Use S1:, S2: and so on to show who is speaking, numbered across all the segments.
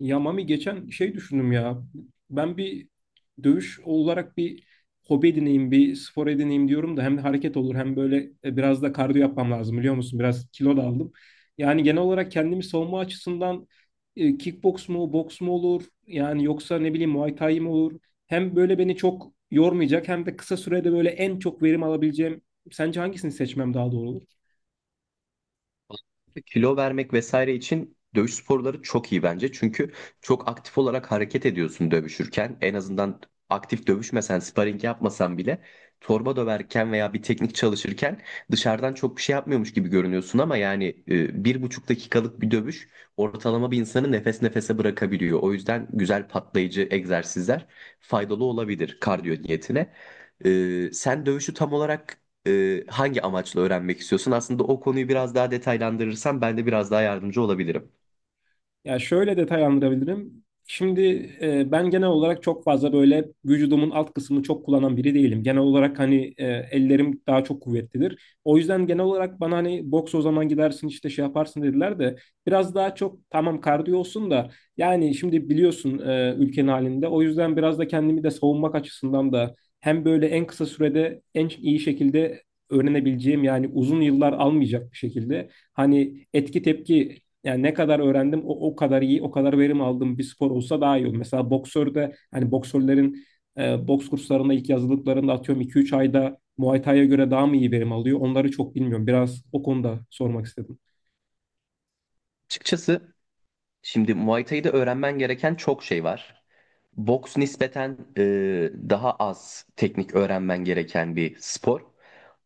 S1: Ya Mami geçen şey düşündüm ya. Ben bir dövüş olarak bir hobi edineyim, bir spor edineyim diyorum da hem de hareket olur hem böyle biraz da kardiyo yapmam lazım biliyor musun? Biraz kilo da aldım. Yani genel olarak kendimi savunma açısından kickbox mu, boks mu olur? Yani yoksa ne bileyim Muay Thai mi olur? Hem böyle beni çok yormayacak hem de kısa sürede böyle en çok verim alabileceğim. Sence hangisini seçmem daha doğru olur?
S2: Kilo vermek vesaire için dövüş sporları çok iyi bence. Çünkü çok aktif olarak hareket ediyorsun dövüşürken. En azından aktif dövüşmesen, sparring yapmasan bile torba döverken veya bir teknik çalışırken dışarıdan çok bir şey yapmıyormuş gibi görünüyorsun ama yani bir buçuk dakikalık bir dövüş ortalama bir insanı nefes nefese bırakabiliyor. O yüzden güzel patlayıcı egzersizler faydalı olabilir kardiyo niyetine. Sen dövüşü tam olarak hangi amaçla öğrenmek istiyorsun? Aslında o konuyu biraz daha detaylandırırsan ben de biraz daha yardımcı olabilirim.
S1: Ya şöyle detaylandırabilirim. Şimdi ben genel olarak çok fazla böyle vücudumun alt kısmını çok kullanan biri değilim. Genel olarak hani ellerim daha çok kuvvetlidir. O yüzden genel olarak bana hani boks o zaman gidersin işte şey yaparsın dediler de biraz daha çok tamam kardiyo olsun da yani şimdi biliyorsun ülkenin halinde. O yüzden biraz da kendimi de savunmak açısından da hem böyle en kısa sürede en iyi şekilde öğrenebileceğim yani uzun yıllar almayacak bir şekilde hani etki tepki yani ne kadar öğrendim o kadar iyi, o kadar verim aldığım bir spor olsa daha iyi olur. Mesela boksörde hani boksörlerin boks kurslarında ilk yazılıklarında atıyorum 2-3 ayda Muay Thai'ye göre daha mı iyi verim alıyor? Onları çok bilmiyorum. Biraz o konuda sormak istedim.
S2: Açıkçası, şimdi Muay Thai'de öğrenmen gereken çok şey var. Boks nispeten daha az teknik öğrenmen gereken bir spor.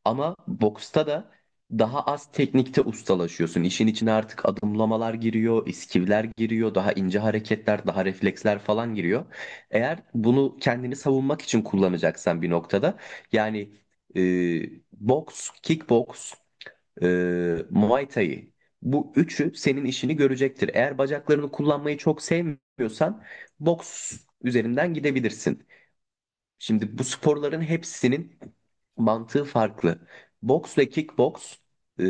S2: Ama boksta da daha az teknikte ustalaşıyorsun. İşin içine artık adımlamalar giriyor, iskivler giriyor, daha ince hareketler, daha refleksler falan giriyor. Eğer bunu kendini savunmak için kullanacaksan bir noktada yani e, boks, kickboks, Muay Thai. Bu üçü senin işini görecektir. Eğer bacaklarını kullanmayı çok sevmiyorsan boks üzerinden gidebilirsin. Şimdi bu sporların hepsinin mantığı farklı. Boks ve kickboks, e,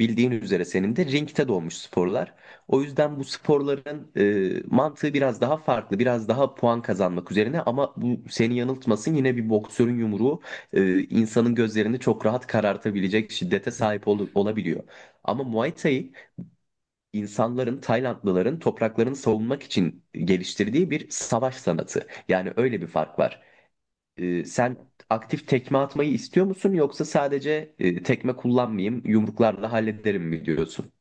S2: bildiğin üzere senin de ringte doğmuş sporlar. O yüzden bu sporların mantığı biraz daha farklı, biraz daha puan kazanmak üzerine ama bu seni yanıltmasın, yine bir boksörün yumruğu insanın gözlerini çok rahat karartabilecek şiddete sahip olabiliyor. Ama Muay Thai insanların, Taylandlıların topraklarını savunmak için geliştirdiği bir savaş sanatı. Yani öyle bir fark var. Sen aktif tekme atmayı istiyor musun yoksa sadece tekme kullanmayayım, yumruklarla hallederim mi diyorsun?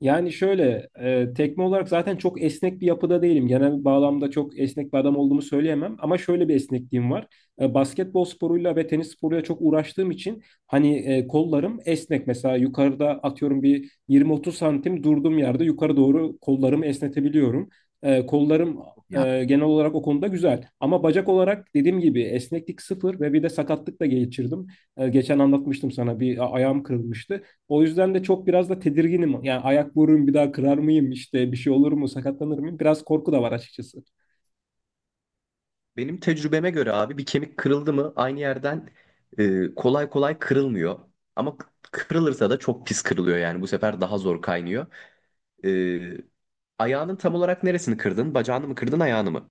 S1: Yani şöyle, tekme olarak zaten çok esnek bir yapıda değilim. Genel bağlamda çok esnek bir adam olduğumu söyleyemem. Ama şöyle bir esnekliğim var. Basketbol sporuyla ve tenis sporuyla çok uğraştığım için hani kollarım esnek. Mesela yukarıda atıyorum bir 20-30 santim durduğum yerde yukarı doğru kollarımı esnetebiliyorum. Kollarım
S2: Ya
S1: genel olarak o konuda güzel. Ama bacak olarak dediğim gibi esneklik sıfır ve bir de sakatlık da geçirdim. Geçen anlatmıştım sana bir ayağım kırılmıştı. O yüzden de çok biraz da tedirginim. Yani ayak vururum bir daha kırar mıyım işte bir şey olur mu sakatlanır mıyım? Biraz korku da var açıkçası.
S2: benim tecrübeme göre abi bir kemik kırıldı mı aynı yerden kolay kolay kırılmıyor. Ama kırılırsa da çok pis kırılıyor, yani bu sefer daha zor kaynıyor. Ee, Ayağının tam olarak neresini kırdın? Bacağını mı kırdın, ayağını mı?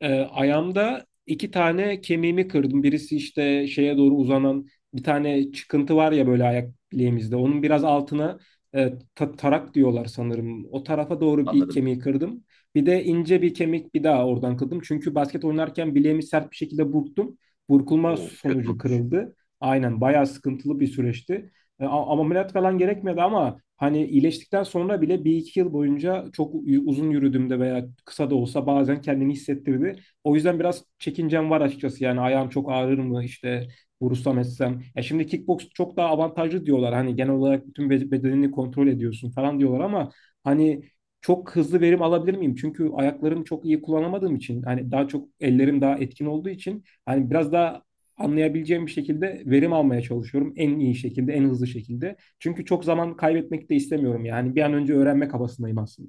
S1: Ayağımda iki tane kemiğimi kırdım. Birisi işte şeye doğru uzanan bir tane çıkıntı var ya böyle ayak bileğimizde. Onun biraz altına tarak diyorlar sanırım. O tarafa doğru bir
S2: Anladım.
S1: kemiği kırdım. Bir de ince bir kemik bir daha oradan kırdım. Çünkü basket oynarken bileğimi sert bir şekilde burktum. Burkulma
S2: Oo, kötü
S1: sonucu
S2: olmuş
S1: kırıldı. Aynen bayağı sıkıntılı bir süreçti. Ameliyat falan gerekmedi ama hani iyileştikten sonra bile bir iki yıl boyunca çok uzun yürüdüğümde veya kısa da olsa bazen kendini hissettirdi. O yüzden biraz çekincem var açıkçası yani ayağım çok ağrır mı işte vurursam etsem. Ya şimdi kickbox çok daha avantajlı diyorlar hani genel olarak bütün bedenini kontrol ediyorsun falan diyorlar ama hani çok hızlı verim alabilir miyim? Çünkü ayaklarımı çok iyi kullanamadığım için hani daha çok ellerim daha etkin olduğu için hani biraz daha anlayabileceğim bir şekilde verim almaya çalışıyorum. En iyi şekilde, en hızlı şekilde. Çünkü çok zaman kaybetmek de istemiyorum yani. Bir an önce öğrenmek kabasındayım aslında.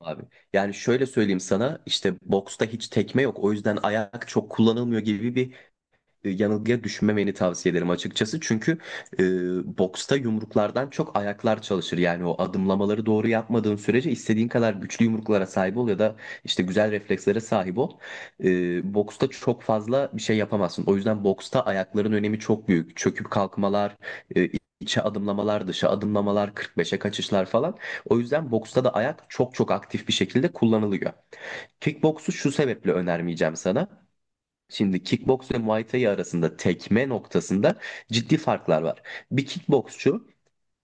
S2: abi. Yani şöyle söyleyeyim sana, işte boksta hiç tekme yok o yüzden ayak çok kullanılmıyor gibi bir yanılgıya düşmemeni tavsiye ederim açıkçası. Çünkü e, boksta yumruklardan çok ayaklar çalışır. Yani o adımlamaları doğru yapmadığın sürece istediğin kadar güçlü yumruklara sahip ol ya da işte güzel reflekslere sahip ol. E, Boksta çok fazla bir şey yapamazsın. O yüzden boksta ayakların önemi çok büyük. Çöküp kalkmalar, e, içe adımlamalar, dışa adımlamalar, 45'e kaçışlar falan. O yüzden boksta da ayak çok çok aktif bir şekilde kullanılıyor. Kickboksu şu sebeple önermeyeceğim sana. Şimdi kickbox ve Muay Thai arasında tekme noktasında ciddi farklar var. Bir kickboksçu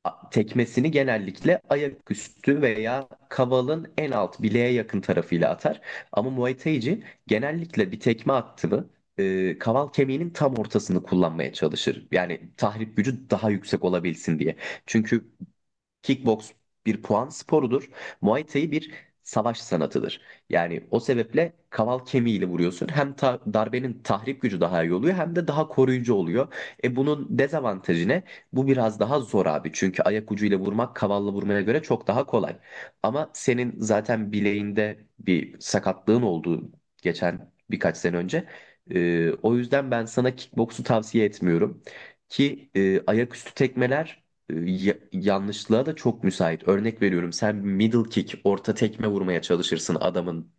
S2: tekmesini genellikle ayaküstü veya kavalın en alt bileğe yakın tarafıyla atar. Ama Muay Thai'ci genellikle bir tekme attı kaval kemiğinin tam ortasını kullanmaya çalışır. Yani tahrip gücü daha yüksek olabilsin diye. Çünkü kickbox bir puan sporudur. Muay Thai bir savaş sanatıdır. Yani o sebeple kaval kemiğiyle vuruyorsun. Hem darbenin tahrip gücü daha iyi oluyor hem de daha koruyucu oluyor. E, bunun dezavantajı ne? Bu biraz daha zor abi. Çünkü ayak ucuyla vurmak kavalla vurmaya göre çok daha kolay. Ama senin zaten bileğinde bir sakatlığın oldu geçen birkaç sene önce. O yüzden ben sana kickboksu tavsiye etmiyorum. Ki ayaküstü tekmeler yanlışlığa da çok müsait. Örnek veriyorum, sen middle kick, orta tekme vurmaya çalışırsın adamın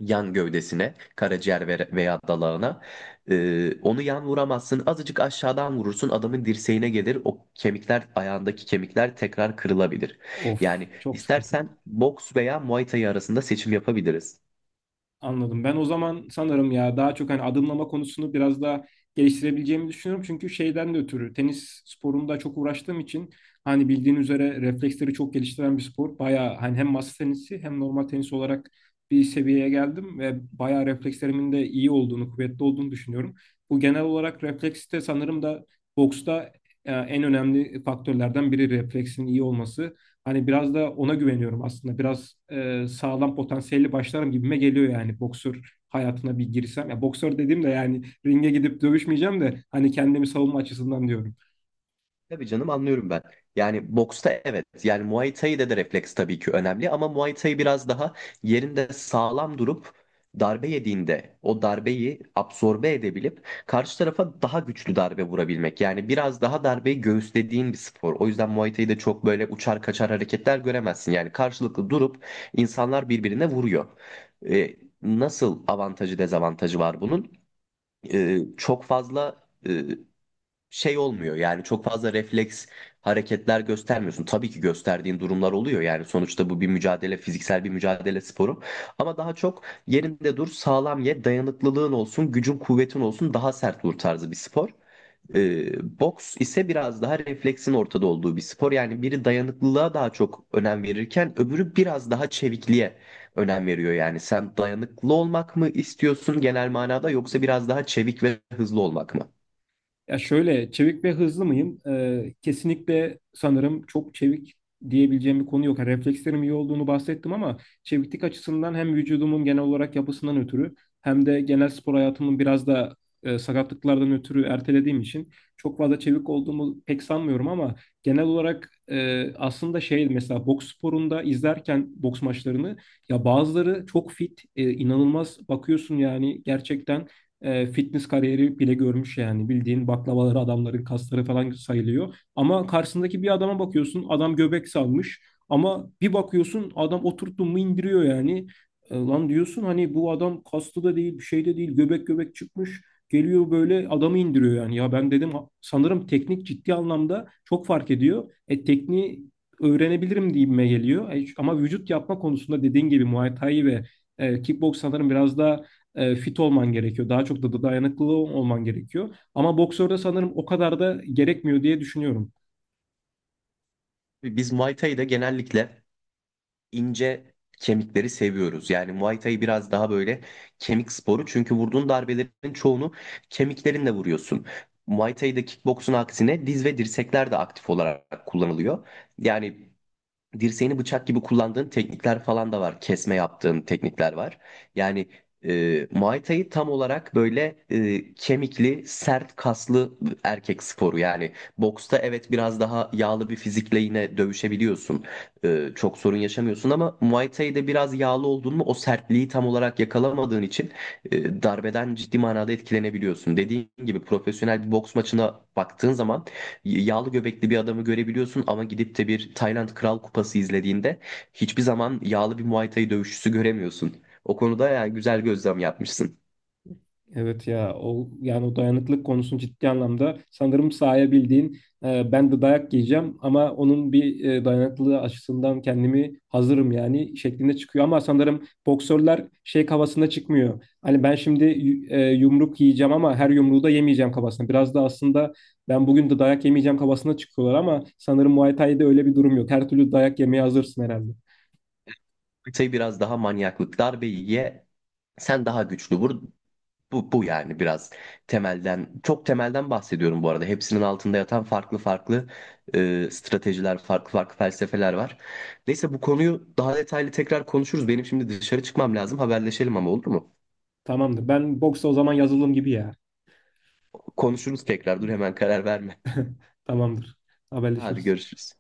S2: yan gövdesine, karaciğer veya dalağına. Onu yan vuramazsın. Azıcık aşağıdan vurursun, adamın dirseğine gelir. O kemikler, ayağındaki kemikler tekrar kırılabilir. Yani
S1: Of, çok sıkıntı.
S2: istersen boks veya Muay Thai arasında seçim yapabiliriz.
S1: Anladım. Ben o zaman sanırım ya daha çok hani adımlama konusunu biraz daha geliştirebileceğimi düşünüyorum. Çünkü şeyden de ötürü tenis sporunda çok uğraştığım için hani bildiğin üzere refleksleri çok geliştiren bir spor. Bayağı hani hem masa tenisi hem normal tenis olarak bir seviyeye geldim ve bayağı reflekslerimin de iyi olduğunu, kuvvetli olduğunu düşünüyorum. Bu genel olarak refleks de sanırım da boksta en önemli faktörlerden biri refleksin iyi olması. Hani biraz da ona güveniyorum aslında. Biraz sağlam potansiyelli başlarım gibime geliyor yani boksör hayatına bir girsem. Ya boksör dediğim de yani ringe gidip dövüşmeyeceğim de hani kendimi savunma açısından diyorum.
S2: Tabii canım, anlıyorum ben. Yani boksta evet. Yani Muay Thai'de de refleks tabii ki önemli ama Muay Thai biraz daha yerinde sağlam durup darbe yediğinde o darbeyi absorbe edebilip karşı tarafa daha güçlü darbe vurabilmek. Yani biraz daha darbeyi göğüslediğin bir spor. O yüzden Muay Thai'de çok böyle uçar kaçar hareketler göremezsin. Yani karşılıklı durup insanlar birbirine vuruyor. Ee, Nasıl avantajı dezavantajı var bunun? Çok fazla e, şey olmuyor, yani çok fazla refleks hareketler göstermiyorsun. Tabii ki gösterdiğin durumlar oluyor, yani sonuçta bu bir mücadele, fiziksel bir mücadele sporu ama daha çok yerinde dur, sağlam ye, dayanıklılığın olsun, gücün kuvvetin olsun, daha sert vur tarzı bir spor. Boks ise biraz daha refleksin ortada olduğu bir spor. Yani biri dayanıklılığa daha çok önem verirken öbürü biraz daha çevikliğe önem veriyor. Yani sen dayanıklı olmak mı istiyorsun genel manada, yoksa biraz daha çevik ve hızlı olmak mı?
S1: Ya şöyle çevik ve hızlı mıyım? Kesinlikle sanırım çok çevik diyebileceğim bir konu yok. Yani reflekslerim iyi olduğunu bahsettim ama çeviklik açısından hem vücudumun genel olarak yapısından ötürü hem de genel spor hayatımın biraz da sakatlıklardan ötürü ertelediğim için çok fazla çevik olduğumu pek sanmıyorum ama genel olarak aslında şey mesela boks sporunda izlerken boks maçlarını ya bazıları çok fit, inanılmaz bakıyorsun yani gerçekten fitness kariyeri bile görmüş yani. Bildiğin baklavaları adamların kasları falan sayılıyor. Ama karşısındaki bir adama bakıyorsun adam göbek salmış. Ama bir bakıyorsun adam oturttun mu indiriyor yani. Lan diyorsun hani bu adam kaslı da değil bir şey de değil göbek göbek çıkmış. Geliyor böyle adamı indiriyor yani. Ya ben dedim sanırım teknik ciddi anlamda çok fark ediyor. E tekniği öğrenebilirim gibime geliyor. Ama vücut yapma konusunda dediğin gibi Muay Thai ve kickbox sanırım biraz daha fit olman gerekiyor. Daha çok da dayanıklı olman gerekiyor. Ama boksörde sanırım o kadar da gerekmiyor diye düşünüyorum.
S2: Biz Muay Thai'de genellikle ince kemikleri seviyoruz. Yani Muay Thai biraz daha böyle kemik sporu. Çünkü vurduğun darbelerin çoğunu kemiklerinle vuruyorsun. Muay Thai'de kickboksun aksine diz ve dirsekler de aktif olarak kullanılıyor. Yani dirseğini bıçak gibi kullandığın teknikler falan da var. Kesme yaptığın teknikler var. Yani Muay Thai tam olarak böyle kemikli, sert kaslı erkek sporu. Yani boksta evet, biraz daha yağlı bir fizikle yine dövüşebiliyorsun. Çok sorun yaşamıyorsun ama Muay Thai'de biraz yağlı oldun mu, o sertliği tam olarak yakalamadığın için darbeden ciddi manada etkilenebiliyorsun. Dediğin gibi, profesyonel bir boks maçına baktığın zaman yağlı göbekli bir adamı görebiliyorsun ama gidip de bir Tayland Kral Kupası izlediğinde hiçbir zaman yağlı bir Muay Thai dövüşçüsü göremiyorsun. O konuda yani güzel gözlem yapmışsın.
S1: Evet ya o yani o dayanıklılık konusunu ciddi anlamda sanırım sahaya ben de dayak yiyeceğim ama onun bir dayanıklılığı açısından kendimi hazırım yani şeklinde çıkıyor ama sanırım boksörler şey kafasına çıkmıyor. Hani ben şimdi yumruk yiyeceğim ama her yumruğu da yemeyeceğim kafasına. Biraz da aslında ben bugün de dayak yemeyeceğim kafasına çıkıyorlar ama sanırım Muay Thai'de öyle bir durum yok. Her türlü dayak yemeye hazırsın herhalde.
S2: Muay Thai biraz daha manyaklık. Darbeyi ye, sen daha güçlü vur. Bu yani biraz temelden, çok temelden bahsediyorum bu arada. Hepsinin altında yatan farklı farklı stratejiler, farklı farklı felsefeler var. Neyse, bu konuyu daha detaylı tekrar konuşuruz. Benim şimdi dışarı çıkmam lazım. Haberleşelim ama, olur mu?
S1: Tamamdır. Ben boksa o zaman yazılım gibi ya.
S2: Konuşuruz tekrar. Dur, hemen karar verme.
S1: Tamamdır.
S2: Hadi,
S1: Haberleşiriz.
S2: görüşürüz.